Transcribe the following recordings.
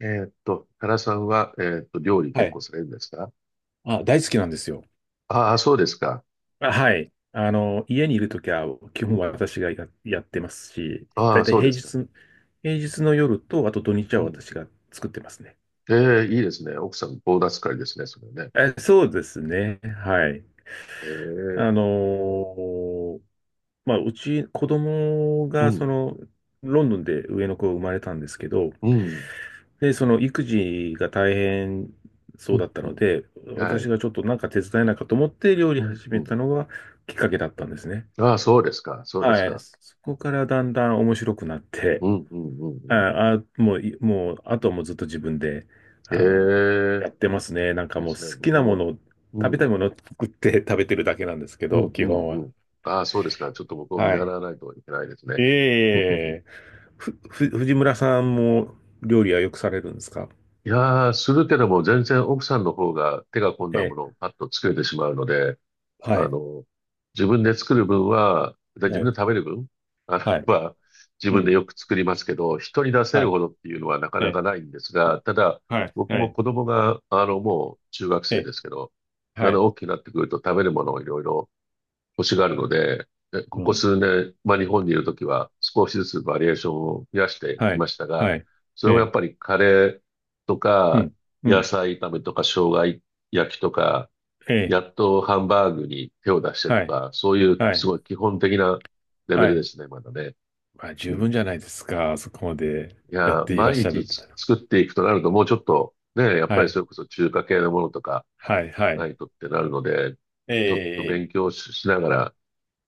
原さんは、料理は結い。構されるんですか？あ、大好きなんですよ。ああー、そうですか。あ、はい。家にいるときは、基う本ん。私がやってますし、あだあ、いたいそうですか。平日の夜と、あと土日うはん。私が作ってますね。ええ、いいですね。奥さん、ボーナス会ですね、それね。え、そうですね。はい。ええ。あのーまあ、うち、子供うが、ん、ロンドンで上の子が生まれたんですけど、うん、で、その育児が大変そううん、だったうのん。で、は私い。がちょっとなんか手伝えないかと思って料う理ん、始うめん。たのがきっかけだったんですね。ああ、そうですか。そうですはい。か。そこからだんだん面白くなって、うん、うん、うん、うん。ああ、もう、あとはもうずっと自分で、えあの、え、やってますね。なんいいかでもうすね。好き僕なもも。の、う食べたん、いものを作って 食べてるだけなんですけうど、ん、基うん、本うは。ん。ああ、そうですか。ちょっと僕を見は習い。わないといけないですね。え うんうんうん。え。藤村さんも料理はよくされるんですか？いやー、するけども全然奥さんの方が手が込んえだもえ。のをパッと作れてしまうので、はあい。の、自分で作る分は、で自は分い。で食べる分、あはい。の、は、自う分でん。よく作りますけど、人に出せはるい。ほどっていうのはなかえなかえ。ないんですが、ただ、はい。僕はもい。子供が、もう中学え生え。ですけど、だんはだんい。大きくなってくると食べるものをいろいろ欲しがるので、えこうこん。数年、まあ日本にいるときは少しずつバリエーションを増やしてはきい。ましたが、はい。そえれもやっえ。ぱりカレーとうか、ん。う野ん。菜炒めとか、生姜焼きとか、ええ。やっとハンバーグに手を出してはとい。か、そういうはすい。ごい基本的なレベはルでい。すね、まだね。まあ、う十ん。い分じゃないですか。そこまでやっや、ていらっ毎しゃる日んだら。作っていくとなると、もうちょっとね、やっぱはりそい。れこそ中華系のものとかはい、はない。いとってなるので、えちょっとえ、え勉え。強し、しながら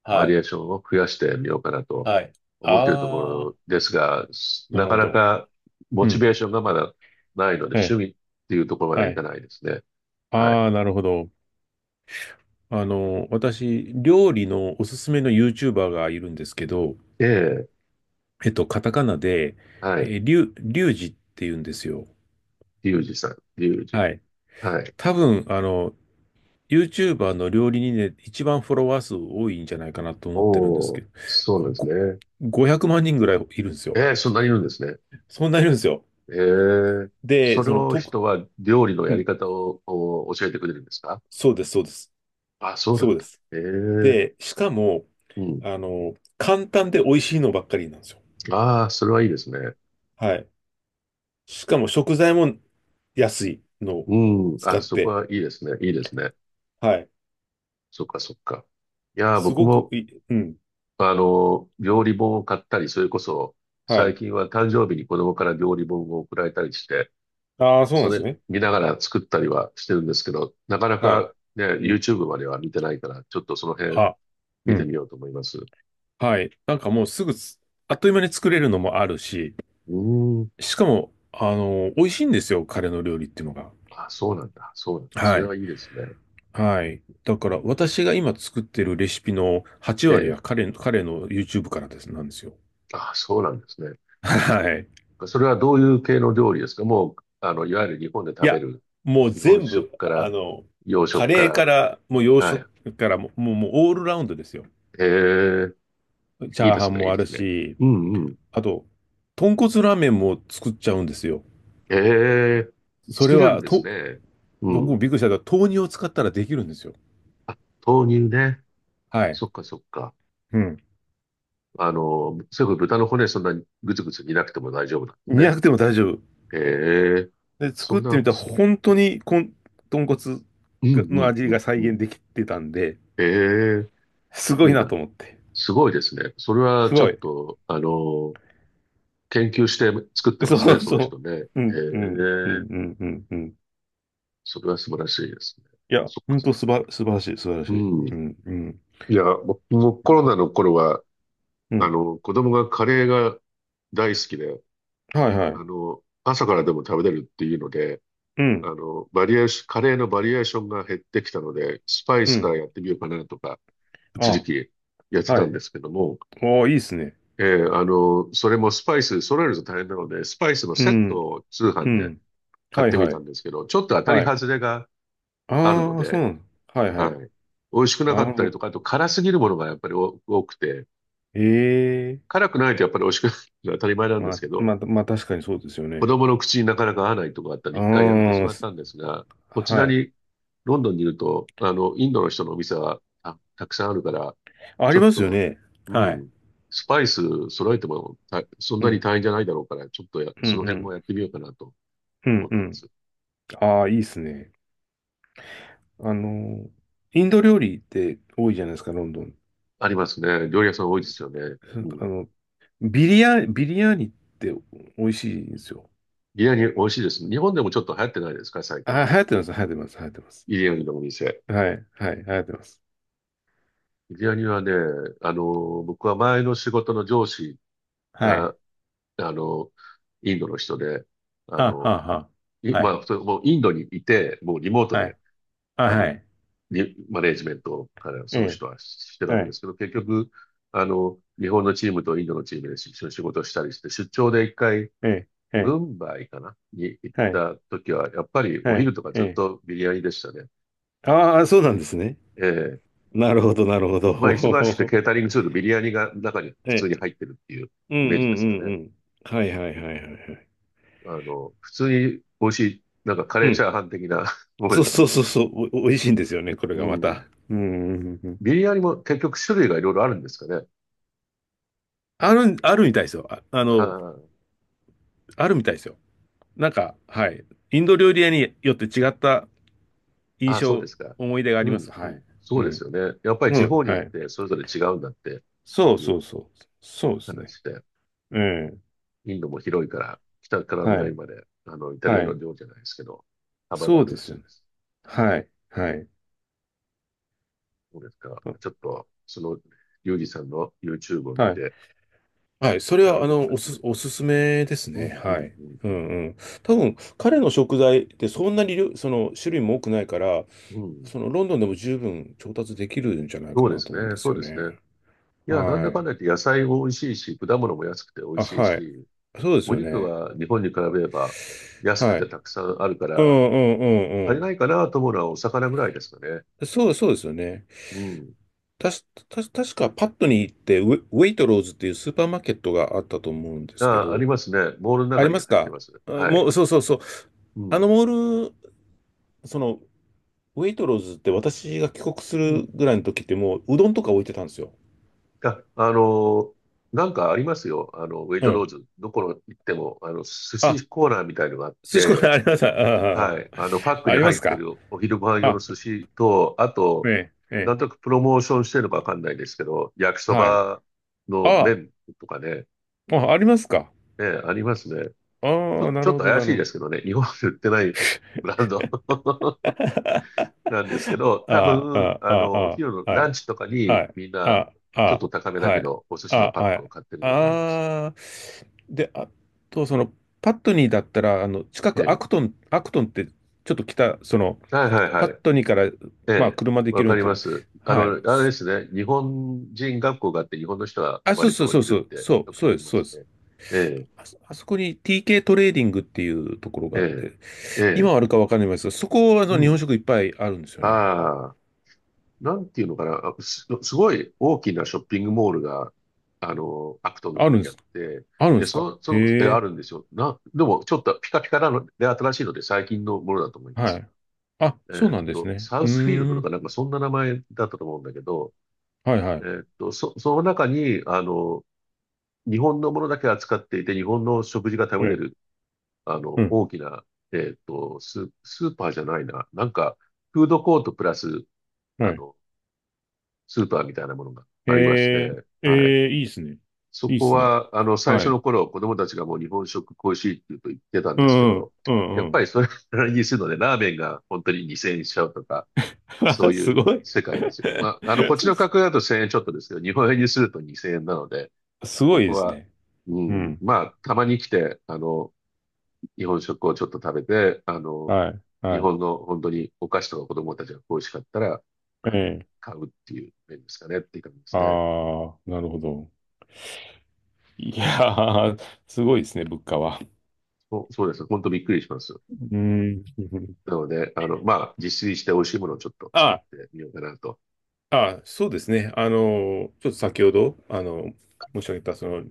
はバリエーい、ションを増やしてみようかなとはい。思っているとこああ、ろですが、ななるかほなど。かモうチん。ベーションがまだないので、え趣え、味っていうところまではいかい。ないですね。はい。ああ、なるほど。私、料理のおすすめの YouTuber がいるんですけど、ええ、カタカナで、はい。リュウジって言うんですよ。リュウジさん、リュウジ。はい。はい。多分、YouTuber の料理人で一番フォロワー数多いんじゃないかなと思ってるんですおけお、ど、そうなんですご、ね。500万人ぐらいいるんですよ。ええ、そんなにいるんですね。そんないるんですよ。ええ。そで、れを人は料理のうやりん、方をお教えてくれるんですか？そうです、そうです。あ、そうなそんうでだ。す。ええ、で、しかも、うん。簡単で美味しいのばっかりなんですよ。ああ、それはいいですね。はい。しかも食材も安いのをうん。使あ、っそこて、はいいですね。いいですね。はい。そっか、そっか。いやー、す僕ごくも、いい、うん。料理本を買ったり、それこそ、は最い。近は誕生日に子供から料理本を送られたりして、ああ、そうなそんですれね。見ながら作ったりはしてるんですけど、なかなはい。かね、うん。YouTube までは見てないから、ちょっとその辺、あ、う見てん。みようと思います。うはい。なんかもうすぐつ、あっという間に作れるのもあるし、ーん。しかも、美味しいんですよ、彼の料理っていうのが。あ、そうなんだ。そうなんだ。そはれい。はいいですね。はい。だから、私が今作ってるレシピの8え割はえ。彼の YouTube からです、なんですよ。あ、そうなんですね。はい。それはどういう系の料理ですか？もう、いわゆる日本でい食べや、る、もう日本全食部、から、洋カ食かレーから。ら、もう洋は食い。からもう、もう、もうオールラウンドですよ。ええ。チいいャーでハすンね。いもいあでるすね。し、うんうん。あと、豚骨ラーメンも作っちゃうんですよ。ええ。それ作れるんは、ですね。う僕もん。びっくりしたけど、豆乳を使ったらできるんですよ。あ、豆乳ね。はい。そっかそっか。うん。それこそ豚の骨そんなにぐつぐつ煮なくても大丈夫なんです煮なね。くても大丈夫。ええ。で、そ作んっな、てみたらそ、本当に豚骨うんうのん味うんが再うん。現できてたんで、ええ、すごいいいなな。と思って。すごいですね。それはすちょごっい。と、研究して作ってまそすね、うそのそ人ね。えう。うん、うん、うえ、ん、うん、うん。うん。それは素晴らしいですね。いや、そっか。本当素晴らしい、素晴らしうい。ん。ういん、うん、や、僕もうコん。ロナの頃は、うん。子供がカレーが大好きで、はいはい。朝からでも食べれるっていうので、うん、バリエーション、カレーのバリエーションが減ってきたので、スパイうスかん。らやってみようかなとか、一時あ、期やってはたんい。ですけども、おー、いいっすね。ええ、それもスパイス、揃えると大変なので、スパイスのうセットん、を通う販でん。買っはいてみはたい。んですけど、ちょっと当たりはい。外れがあるのああ、そうで、なの。はいははい。い。美味しくなあかったりとあ、か、あと辛すぎるものがやっぱり多くて、ええ。辛くないとやっぱり美味しくないのは当たり前なんでますあ、けど、まあ、まあ、確かにそうですよ子ね。供の口になかなか合わないとかあったり、一回やめてしああ、まったんですが、こちはらい。に、ロンドンにいると、インドの人のお店はたくさんあるから、あちょりっますよと、ね。うはい。ん。スパイス揃えてもそんうなにん、大変じゃないだろうから、ちょっとうん、うその辺もん、やってみようかなとうん、思っうてまん。す。ああ、いいっすね。あの、インド料理って多いじゃないですか、ロンドン。ありますね。料理屋さん多いですよね。うあん。の、ビリヤーニって美味しいんですよ。ビリヤニ美味しいです。日本でもちょっと流行ってないですか、最近？あ、流行ってます、流行ってます、流行ってます。ビリヤニのお店。はい、はい、流行ってます。ビリヤニはね、あの、僕は前の仕事の上司はが、い。あの、インドの人で、ああ、はの、あ、はいあ。はい。まあ、それもうインドにいて、もうリモートはで、い。あ、あはの、い。マネージメントからそのえ人はしてるえ、わけはでい、すけど、結局、日本のチームとインドのチームで一緒に仕事したりして、出張で一回、ええ、えムえ、ンバイかなに行っはい、た時は、やっぱりおはい、昼とかえずっえ。とビリヤニでしたね。ああ、そうなんですね。ええ。なるほど、なるほまあ、忙しくてど。ケータリングするとビリヤニが中に普通に ええ。入ってるっていううんうイメージですかんうね。んうん。はいはいはいはいはい。普通に美味しい、なんかカうレーチん。ャーハン的な ものそでうすそうね。そうそう。お、美味しいんですよね、これがうまん。た。うんうんうんうん。ビリヤニも結局種類がいろいろあるんですかね。あるみたいですよ。あ、ああ、あるみたいですよ。なんか、はい。インド料理屋によって違った印あ、そうで象、すか。思い出があうりまん、す。うはい。ん。そううでん。すよね。やっぱりう地ん、方によはっい。てそれぞれ違うんだってそういそううそう。そうで話すね。で、うん。インドも広いから、北からは南い。まで、イタリはアのい。領じゃないですけど、幅があそうるでらすしいよね。です。はい。はい。そうですか。ちょっと、その、リュウジさんの YouTube を見はい。て、はい、それいろは、うあ僕もの、やっおてみす、る。おすすめですうね。ん、うん、うはん、い。うんうん。多分、彼の食材ってそんなに量、その、種類も多くないから、うん。うん。ロンドンでも十分調達できるんじゃないかそうでなすと思うんね。ですそうよですね。ね。いや、なんはだかんい。だ言って野菜も美味しいし、果物も安くて美味あ、しいはい。し、そうですおよ肉ね。は日本に比べれば安くはてい。たくさんあるかうんうら、足んうりんないかなと思うのはお魚ぐらいですかね。うん。そうですよね。うん。たし、た、確かパットに行ってウェイトローズっていうスーパーマーケットがあったと思うんですけあ、ありど、ますね。ボールのあ中りまにす入ってか？ます。あ、はもい。う、そうそうそう。うあん。のモール、その、ウェイトローズって私が帰国すうるん。ぐらいの時ってもううどんとか置いてたんですよ。あ、あのなんかありますよ。ウェイうトローん。ズ。どこの行っても、寿あ、司コーナーみたいのがあっ寿司コーて、ナーあります。あはい。パックあ、あにりま入っすてか？るお昼ご飯用のあ、寿司と、あと、ええ、なえんとなくプロモーションしてるのかわかんないですけど、焼きえ、そはい。ばのあ麺とかね、あ、あ、ありますか？ね、ありますね。ちあょ、あ、なちょるっほとど、な怪しるいほでど。すけどね。日本で売ってないブランド。なんですけど、多ああ、あ分、あ、あお昼のあ、はラい、ンチとかはにい、みんな、あちょっとあ、高めだはけい、ど、お寿あ司のあ、パッはクをい、買ってるんだと思います。ああ、で、あと、パットニーだったら、近えくアえ。クトン、アクトンって、ちょっと北、はいはいパッはい。トニーから、えまあ、え。車で行わけるかのりまと、す。はい。あれですね。日本人学校があって、日本の人はあ、そう割そうとそういそるっう、てそよう、く聞そうできす、まそうすです。ね。えあそこに TK トレーディングっていうところえ、があって、ええ、え今え。はあるかわかんないですが、そこはう日本ん。食いっぱいあるんですよね。ああ。なんていうのかな、すごい大きなショッピングモールが、アクトンのあ方るんでにあっす、て、あるんでで、すか？へあえ、るんですよ。でも、ちょっとピカピカなので、新しいので、最近のものだと思いまはす。い。あ、そうなんですね。サウうスフィールドーとかん、なんかそんな名前だったと思うんだけど、はいはい。その中に、日本のものだけ扱っていて、日本の食事がえ食べれえ、る、うん、大きな、スーパーじゃないな、なんか、フードコートプラス、はあい。の、スーパーみたいなものがへありましえ、て、はい。ええ、いいですね。そいいでこすね。は、最は初い。の頃、子供たちがもう日本食恋しいって言うと言ってたんうですけんうん、ど、うやんっうぱん。りそれなりにするので、ラーメンが本当に2000円しちゃうとか、そ うすいうごい。世界ですよ。まあ、こっち の価す格だと1000円ちょっとですけど、日本円にすると2000円なので、すごこいこですは、ね。ううん、ん。まあ、たまに来て、日本食をちょっと食べて、はい、日はい。本の本当にお菓子とか子供たちが恋しかったら、あえの、え。買うっていう面ですかねっていう感じであすね。あ、なるほど。いやー、すごいですね、物価は。そうそうです。本当びっくりします。うん。なので、まあ、自炊して美味しいものをちょっと作っあてみようかなと。あ、そうですね。ちょっと先ほど、申し上げた、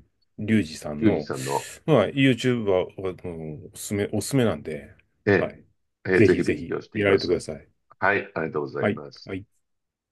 うリュん。ウジさんユージの、さんの、まあ、YouTube は、おすすめなんで、えはえ、い。ええ、ぜぜひひぜ勉ひ、強して見いらまれてくだす。さい。はい、ありがとうございはい。ます。はい。